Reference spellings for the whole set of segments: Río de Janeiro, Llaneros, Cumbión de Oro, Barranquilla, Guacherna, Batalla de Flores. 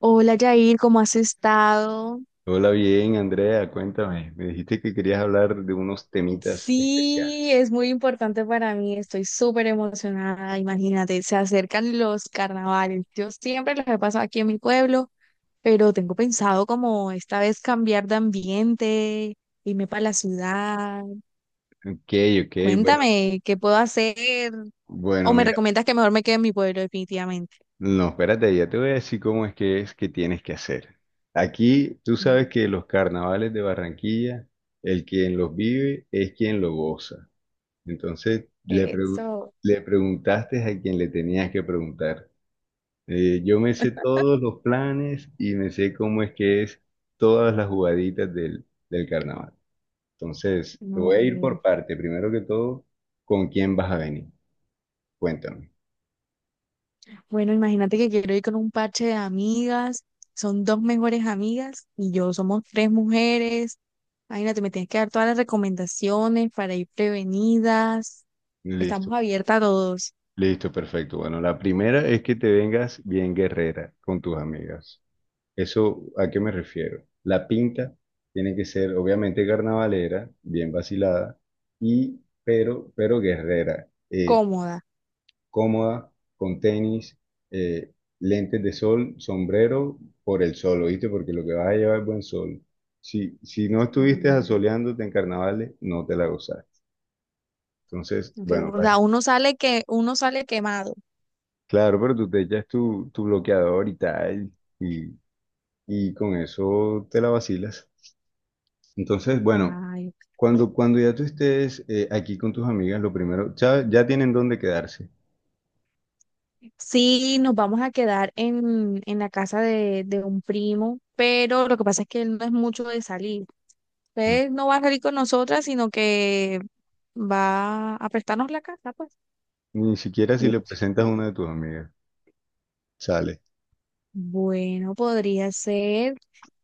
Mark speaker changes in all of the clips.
Speaker 1: Hola Yair, ¿cómo has estado?
Speaker 2: Hola, bien, Andrea, cuéntame. Me dijiste que querías hablar de unos temitas
Speaker 1: Sí,
Speaker 2: especiales.
Speaker 1: es muy importante para mí, estoy súper emocionada, imagínate, se acercan los carnavales. Yo siempre los he pasado aquí en mi pueblo, pero tengo pensado como esta vez cambiar de ambiente, irme para la ciudad.
Speaker 2: Ok, ok, bueno,
Speaker 1: Cuéntame, ¿qué puedo hacer?
Speaker 2: bueno,
Speaker 1: ¿O me
Speaker 2: mira.
Speaker 1: recomiendas que mejor me quede en mi pueblo definitivamente?
Speaker 2: No, espérate, ya te voy a decir cómo es que tienes que hacer. Aquí tú sabes que los carnavales de Barranquilla, el quien los vive es quien los goza. Entonces,
Speaker 1: Eso,
Speaker 2: le preguntaste a quien le tenías que preguntar. Yo me sé todos los planes y me sé cómo es que es todas las jugaditas del carnaval. Entonces, te
Speaker 1: no
Speaker 2: voy a ir
Speaker 1: sé.
Speaker 2: por parte. Primero que todo, ¿con quién vas a venir? Cuéntame.
Speaker 1: Bueno, imagínate que quiero ir con un parche de amigas, son dos mejores amigas y yo somos tres mujeres. Imagínate, me tienes que dar todas las recomendaciones para ir prevenidas.
Speaker 2: Listo,
Speaker 1: Estamos abiertas a todos,
Speaker 2: listo, perfecto. Bueno, la primera es que te vengas bien guerrera con tus amigas. ¿Eso a qué me refiero? La pinta tiene que ser obviamente carnavalera, bien vacilada, y pero guerrera.
Speaker 1: cómoda.
Speaker 2: Cómoda, con tenis, eh, lentes de sol, sombrero por el sol, ¿oíste? Porque lo que vas a llevar es buen sol. Si, si no estuviste
Speaker 1: Mm,
Speaker 2: asoleándote en carnavales, no te la gozaste. Entonces,
Speaker 1: entonces,
Speaker 2: bueno,
Speaker 1: o sea, uno sale que uno sale quemado.
Speaker 2: claro, pero tú te echas tu bloqueador y tal, y, y con eso te la vacilas. Entonces, bueno,
Speaker 1: Ay, ok.
Speaker 2: cuando ya tú estés aquí con tus amigas, lo primero, ya, ya tienen dónde quedarse.
Speaker 1: Sí, nos vamos a quedar en la casa de un primo, pero lo que pasa es que él no es mucho de salir.
Speaker 2: Mm.
Speaker 1: Usted no va a salir con nosotras, sino que va a prestarnos la casa, pues.
Speaker 2: Ni siquiera si le presentas a una de tus amigas, sale.
Speaker 1: Bueno, podría ser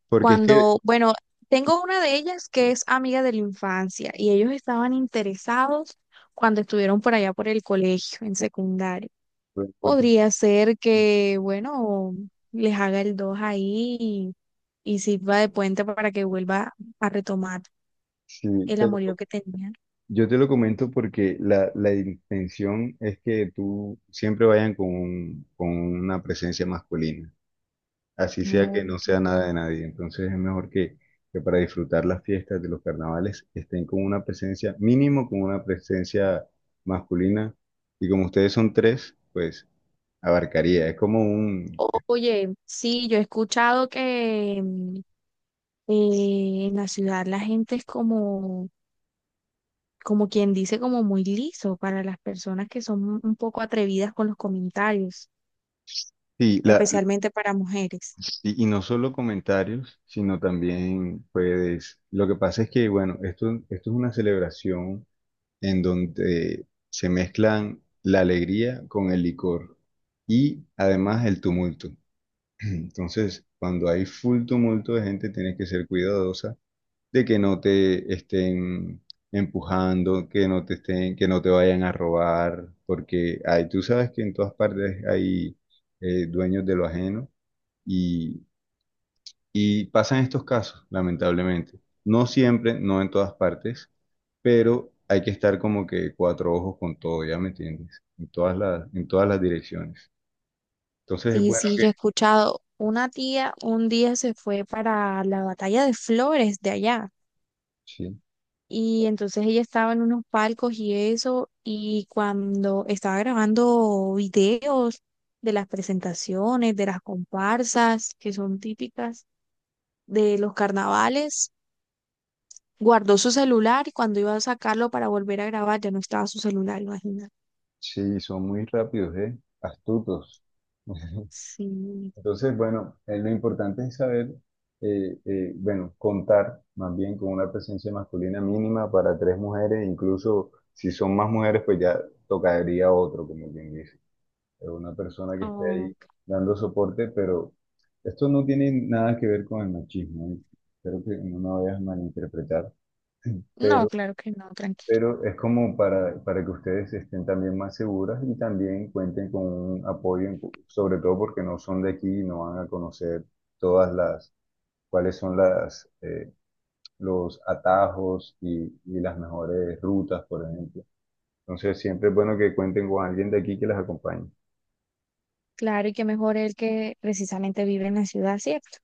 Speaker 2: Porque es
Speaker 1: cuando, bueno, tengo una de ellas que es amiga de la infancia y ellos estaban interesados cuando estuvieron por allá por el colegio, en secundaria.
Speaker 2: que,
Speaker 1: Podría ser que, bueno, les haga el 2 ahí y sirva de puente para que vuelva a retomar
Speaker 2: sí,
Speaker 1: el
Speaker 2: te lo
Speaker 1: amorío
Speaker 2: co-
Speaker 1: que tenían.
Speaker 2: yo te lo comento porque la intención es que tú siempre vayan con, con una presencia masculina, así sea que no
Speaker 1: Ok.
Speaker 2: sea nada de nadie. Entonces es mejor que para disfrutar las fiestas de los carnavales estén con una presencia, mínimo con una presencia masculina. Y como ustedes son tres, pues abarcaría. Es como un...
Speaker 1: Oye, sí, yo he escuchado que en la ciudad la gente es como, como quien dice, como muy liso para las personas que son un poco atrevidas con los comentarios,
Speaker 2: Sí, la,
Speaker 1: especialmente para mujeres.
Speaker 2: y no solo comentarios, sino también, pues, lo que pasa es que, bueno, esto es una celebración en donde se mezclan la alegría con el licor y además el tumulto. Entonces, cuando hay full tumulto de gente, tienes que ser cuidadosa de que no te estén empujando, que no te estén, que no te vayan a robar, porque hay, tú sabes que en todas partes hay dueños de lo ajeno y y pasan estos casos, lamentablemente. No siempre, no en todas partes, pero hay que estar como que cuatro ojos con todo, ¿ya me entiendes? En todas las direcciones. Entonces es
Speaker 1: Sí,
Speaker 2: bueno
Speaker 1: sí,
Speaker 2: que...
Speaker 1: yo he escuchado, una tía un día se fue para la Batalla de Flores de allá.
Speaker 2: Sí,
Speaker 1: Y entonces ella estaba en unos palcos y eso, y cuando estaba grabando videos de las presentaciones, de las comparsas, que son típicas de los carnavales, guardó su celular y cuando iba a sacarlo para volver a grabar ya no estaba su celular, imagínate.
Speaker 2: sí, son muy rápidos, ¿eh? Astutos.
Speaker 1: Sí.
Speaker 2: Entonces, bueno, lo importante es saber, bueno, contar más bien con una presencia masculina mínima para tres mujeres, incluso si son más mujeres, pues ya tocaría otro, como quien dice. Una persona que esté
Speaker 1: Oh,
Speaker 2: ahí dando soporte, pero esto no tiene nada que ver con el machismo, ¿eh? Espero que no me vayas a malinterpretar,
Speaker 1: no,
Speaker 2: pero,
Speaker 1: claro que no, tranqui.
Speaker 2: pero es como para que ustedes estén también más seguras y también cuenten con un apoyo, sobre todo porque no son de aquí y no van a conocer todas las, cuáles son las, los atajos y las mejores rutas, por ejemplo. Entonces siempre es bueno que cuenten con alguien de aquí que las acompañe.
Speaker 1: Claro, ¿y que mejor el que precisamente vive en la ciudad, cierto?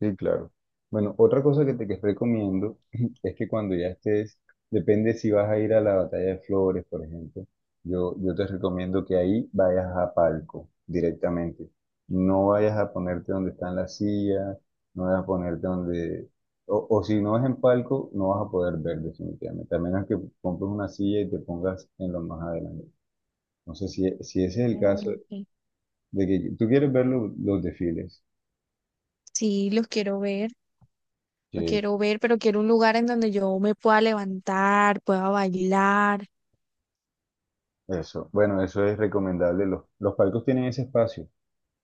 Speaker 2: Sí, claro. Bueno, otra cosa que te que recomiendo es que cuando ya estés, depende si vas a ir a la Batalla de Flores, por ejemplo, yo te recomiendo que ahí vayas a palco directamente. No vayas a ponerte donde están las sillas, no vayas a ponerte donde... O, o si no es en palco, no vas a poder ver definitivamente, a menos que compres una silla y te pongas en lo más adelante. No sé si, si ese es el
Speaker 1: Claro,
Speaker 2: caso
Speaker 1: ok.
Speaker 2: de que tú quieres ver los desfiles.
Speaker 1: Sí, los quiero ver. Lo quiero ver, pero quiero un lugar en donde yo me pueda levantar, pueda bailar.
Speaker 2: Eso, bueno, eso es recomendable. Los palcos tienen ese espacio.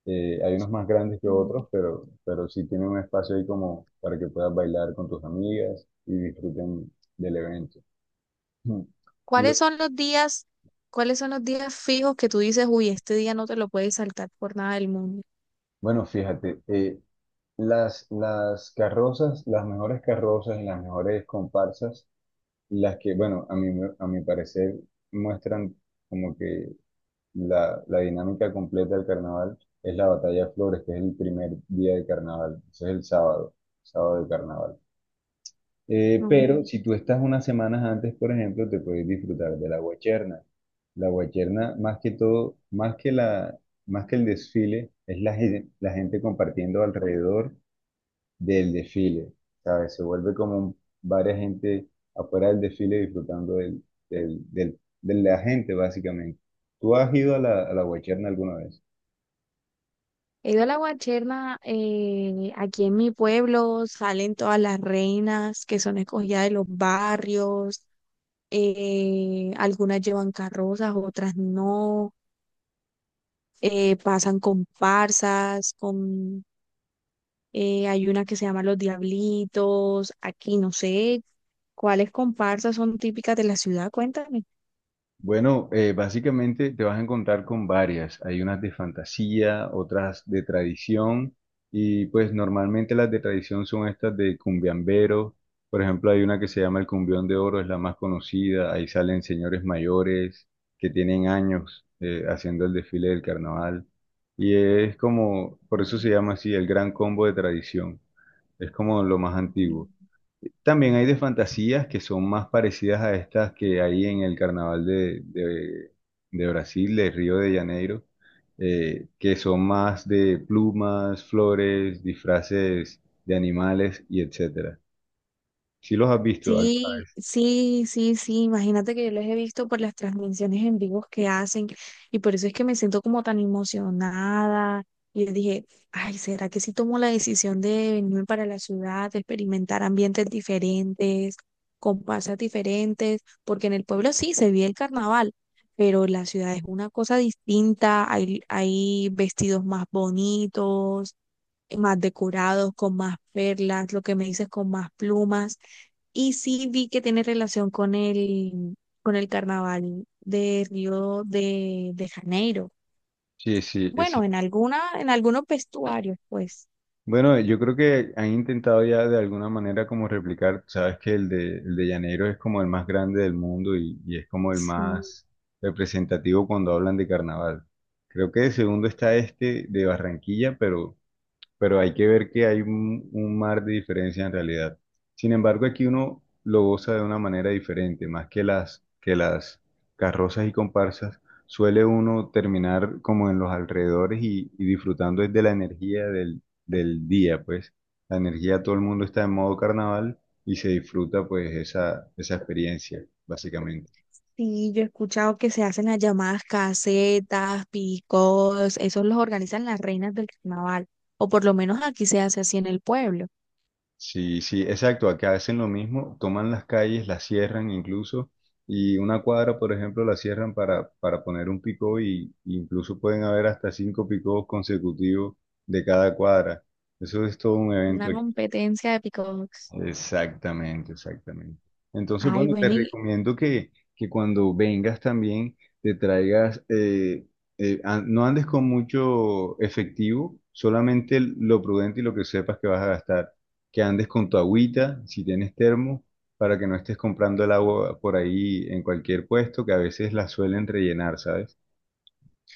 Speaker 2: Hay unos más grandes que
Speaker 1: Mm,
Speaker 2: otros, pero sí tienen un espacio ahí como para que puedas bailar con tus amigas y disfruten del evento. Mm. Lo-
Speaker 1: ¿cuáles son los días, cuáles son los días fijos que tú dices, uy, este día no te lo puedes saltar por nada del mundo?
Speaker 2: bueno, fíjate, las carrozas, las mejores carrozas y las mejores comparsas, las que, bueno, a mi parecer muestran como que la dinámica completa del carnaval es la batalla de flores, que es el primer día de carnaval, ese es el sábado, sábado de carnaval.
Speaker 1: Mm,
Speaker 2: Pero si tú estás unas semanas antes, por ejemplo, te puedes disfrutar de la guacherna. La guacherna, más que todo, más que la, más que el desfile, es la, la gente compartiendo alrededor del desfile, ¿sabes? Se vuelve como varias gente afuera del desfile disfrutando del, de la gente, básicamente. ¿Tú has ido a la Guacherna alguna vez?
Speaker 1: he ido a la Guacherna, aquí en mi pueblo salen todas las reinas que son escogidas de los barrios, algunas llevan carrozas, otras no, pasan comparsas, con hay una que se llama Los Diablitos, aquí no sé cuáles comparsas son típicas de la ciudad, cuéntame.
Speaker 2: Bueno, básicamente te vas a encontrar con varias. Hay unas de fantasía, otras de tradición y pues normalmente las de tradición son estas de cumbiambero. Por ejemplo, hay una que se llama el Cumbión de Oro, es la más conocida. Ahí salen señores mayores que tienen años haciendo el desfile del carnaval. Y es como, por eso se llama así, el gran combo de tradición. Es como lo más antiguo. También hay de fantasías que son más parecidas a estas que hay en el carnaval de, de Brasil, de Río de Janeiro, que son más de plumas, flores, disfraces de animales y etcétera. ¿Sí los has visto? ¿Algo?
Speaker 1: Sí, sí, sí, sí, imagínate que yo los he visto por las transmisiones en vivos que hacen y por eso es que me siento como tan emocionada. Y yo dije, ay, ¿será que si tomo la decisión de venirme para la ciudad, de experimentar ambientes diferentes, con pasas diferentes? Porque en el pueblo sí se vive el carnaval, pero la ciudad es una cosa distinta, hay vestidos más bonitos, más decorados, con más perlas, lo que me dices, con más plumas. Y sí vi que tiene relación con el carnaval de Río de Janeiro.
Speaker 2: Sí, sí,
Speaker 1: Bueno,
Speaker 2: sí,
Speaker 1: en alguna, en algunos vestuarios, pues.
Speaker 2: bueno, yo creo que han intentado ya de alguna manera como replicar, sabes que el de Llaneros es como el más grande del mundo y es como el
Speaker 1: Sí,
Speaker 2: más representativo cuando hablan de carnaval. Creo que de segundo está este de Barranquilla, pero hay que ver que hay un mar de diferencia en realidad. Sin embargo, aquí uno lo goza de una manera diferente, más que las carrozas y comparsas, suele uno terminar como en los alrededores y disfrutando es de la energía del, del día, pues la energía, todo el mundo está en modo carnaval y se disfruta pues esa experiencia, básicamente.
Speaker 1: sí, yo he escuchado que se hacen las llamadas casetas, picos, esos los organizan las reinas del carnaval. O por lo menos aquí se hace así en el pueblo.
Speaker 2: Sí, sí, exacto. Acá hacen lo mismo, toman las calles, las cierran incluso, y una cuadra, por ejemplo, la cierran para poner un picó y incluso pueden haber hasta cinco picos consecutivos de cada cuadra. Eso es todo un evento.
Speaker 1: Una competencia de picos.
Speaker 2: Exactamente, exactamente. Entonces,
Speaker 1: Ay,
Speaker 2: bueno, te
Speaker 1: bueno, y
Speaker 2: recomiendo que cuando vengas también te traigas, no andes con mucho efectivo, solamente lo prudente y lo que sepas que vas a gastar. Que andes con tu agüita, si tienes termo, para que no estés comprando el agua por ahí en cualquier puesto, que a veces la suelen rellenar, ¿sabes?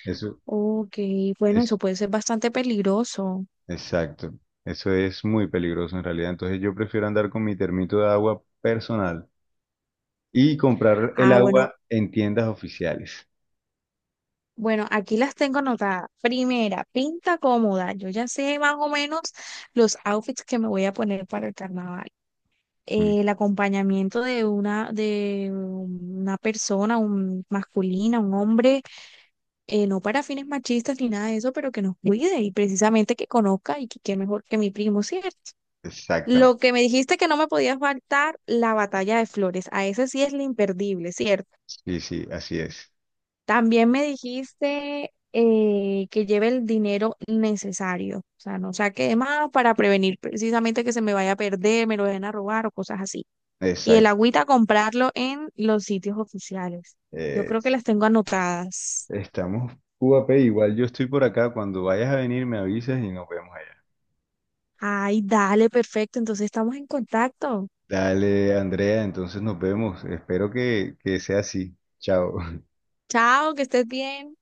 Speaker 2: Eso
Speaker 1: ok, bueno,
Speaker 2: es,
Speaker 1: eso puede ser bastante peligroso.
Speaker 2: exacto. Eso es muy peligroso en realidad. Entonces yo prefiero andar con mi termito de agua personal. Y comprar el
Speaker 1: Ah,
Speaker 2: agua
Speaker 1: bueno,
Speaker 2: en tiendas oficiales.
Speaker 1: bueno, aquí las tengo anotadas. Primera, pinta cómoda. Yo ya sé más o menos los outfits que me voy a poner para el carnaval.
Speaker 2: Mm.
Speaker 1: El acompañamiento de una persona, un masculina, un hombre, no para fines machistas ni nada de eso, pero que nos cuide y precisamente que conozca, ¿y que qué mejor que mi primo, cierto?
Speaker 2: Exactamente.
Speaker 1: Lo que me dijiste que no me podía faltar, la Batalla de Flores. A ese sí es lo imperdible, ¿cierto?
Speaker 2: Sí, sí, así es.
Speaker 1: También me dijiste que lleve el dinero necesario, o sea, no saque de más para prevenir precisamente que se me vaya a perder, me lo vayan a robar o cosas así. Y el
Speaker 2: Exacto.
Speaker 1: agüita comprarlo en los sitios oficiales. Yo creo que
Speaker 2: Es-
Speaker 1: las tengo anotadas.
Speaker 2: estamos Cubape, igual yo estoy por acá. Cuando vayas a venir me avisas y nos vemos allá.
Speaker 1: Ay, dale, perfecto. Entonces estamos en contacto.
Speaker 2: Dale, Andrea, entonces nos vemos. Espero que sea así. Chao.
Speaker 1: Chao, que estés bien.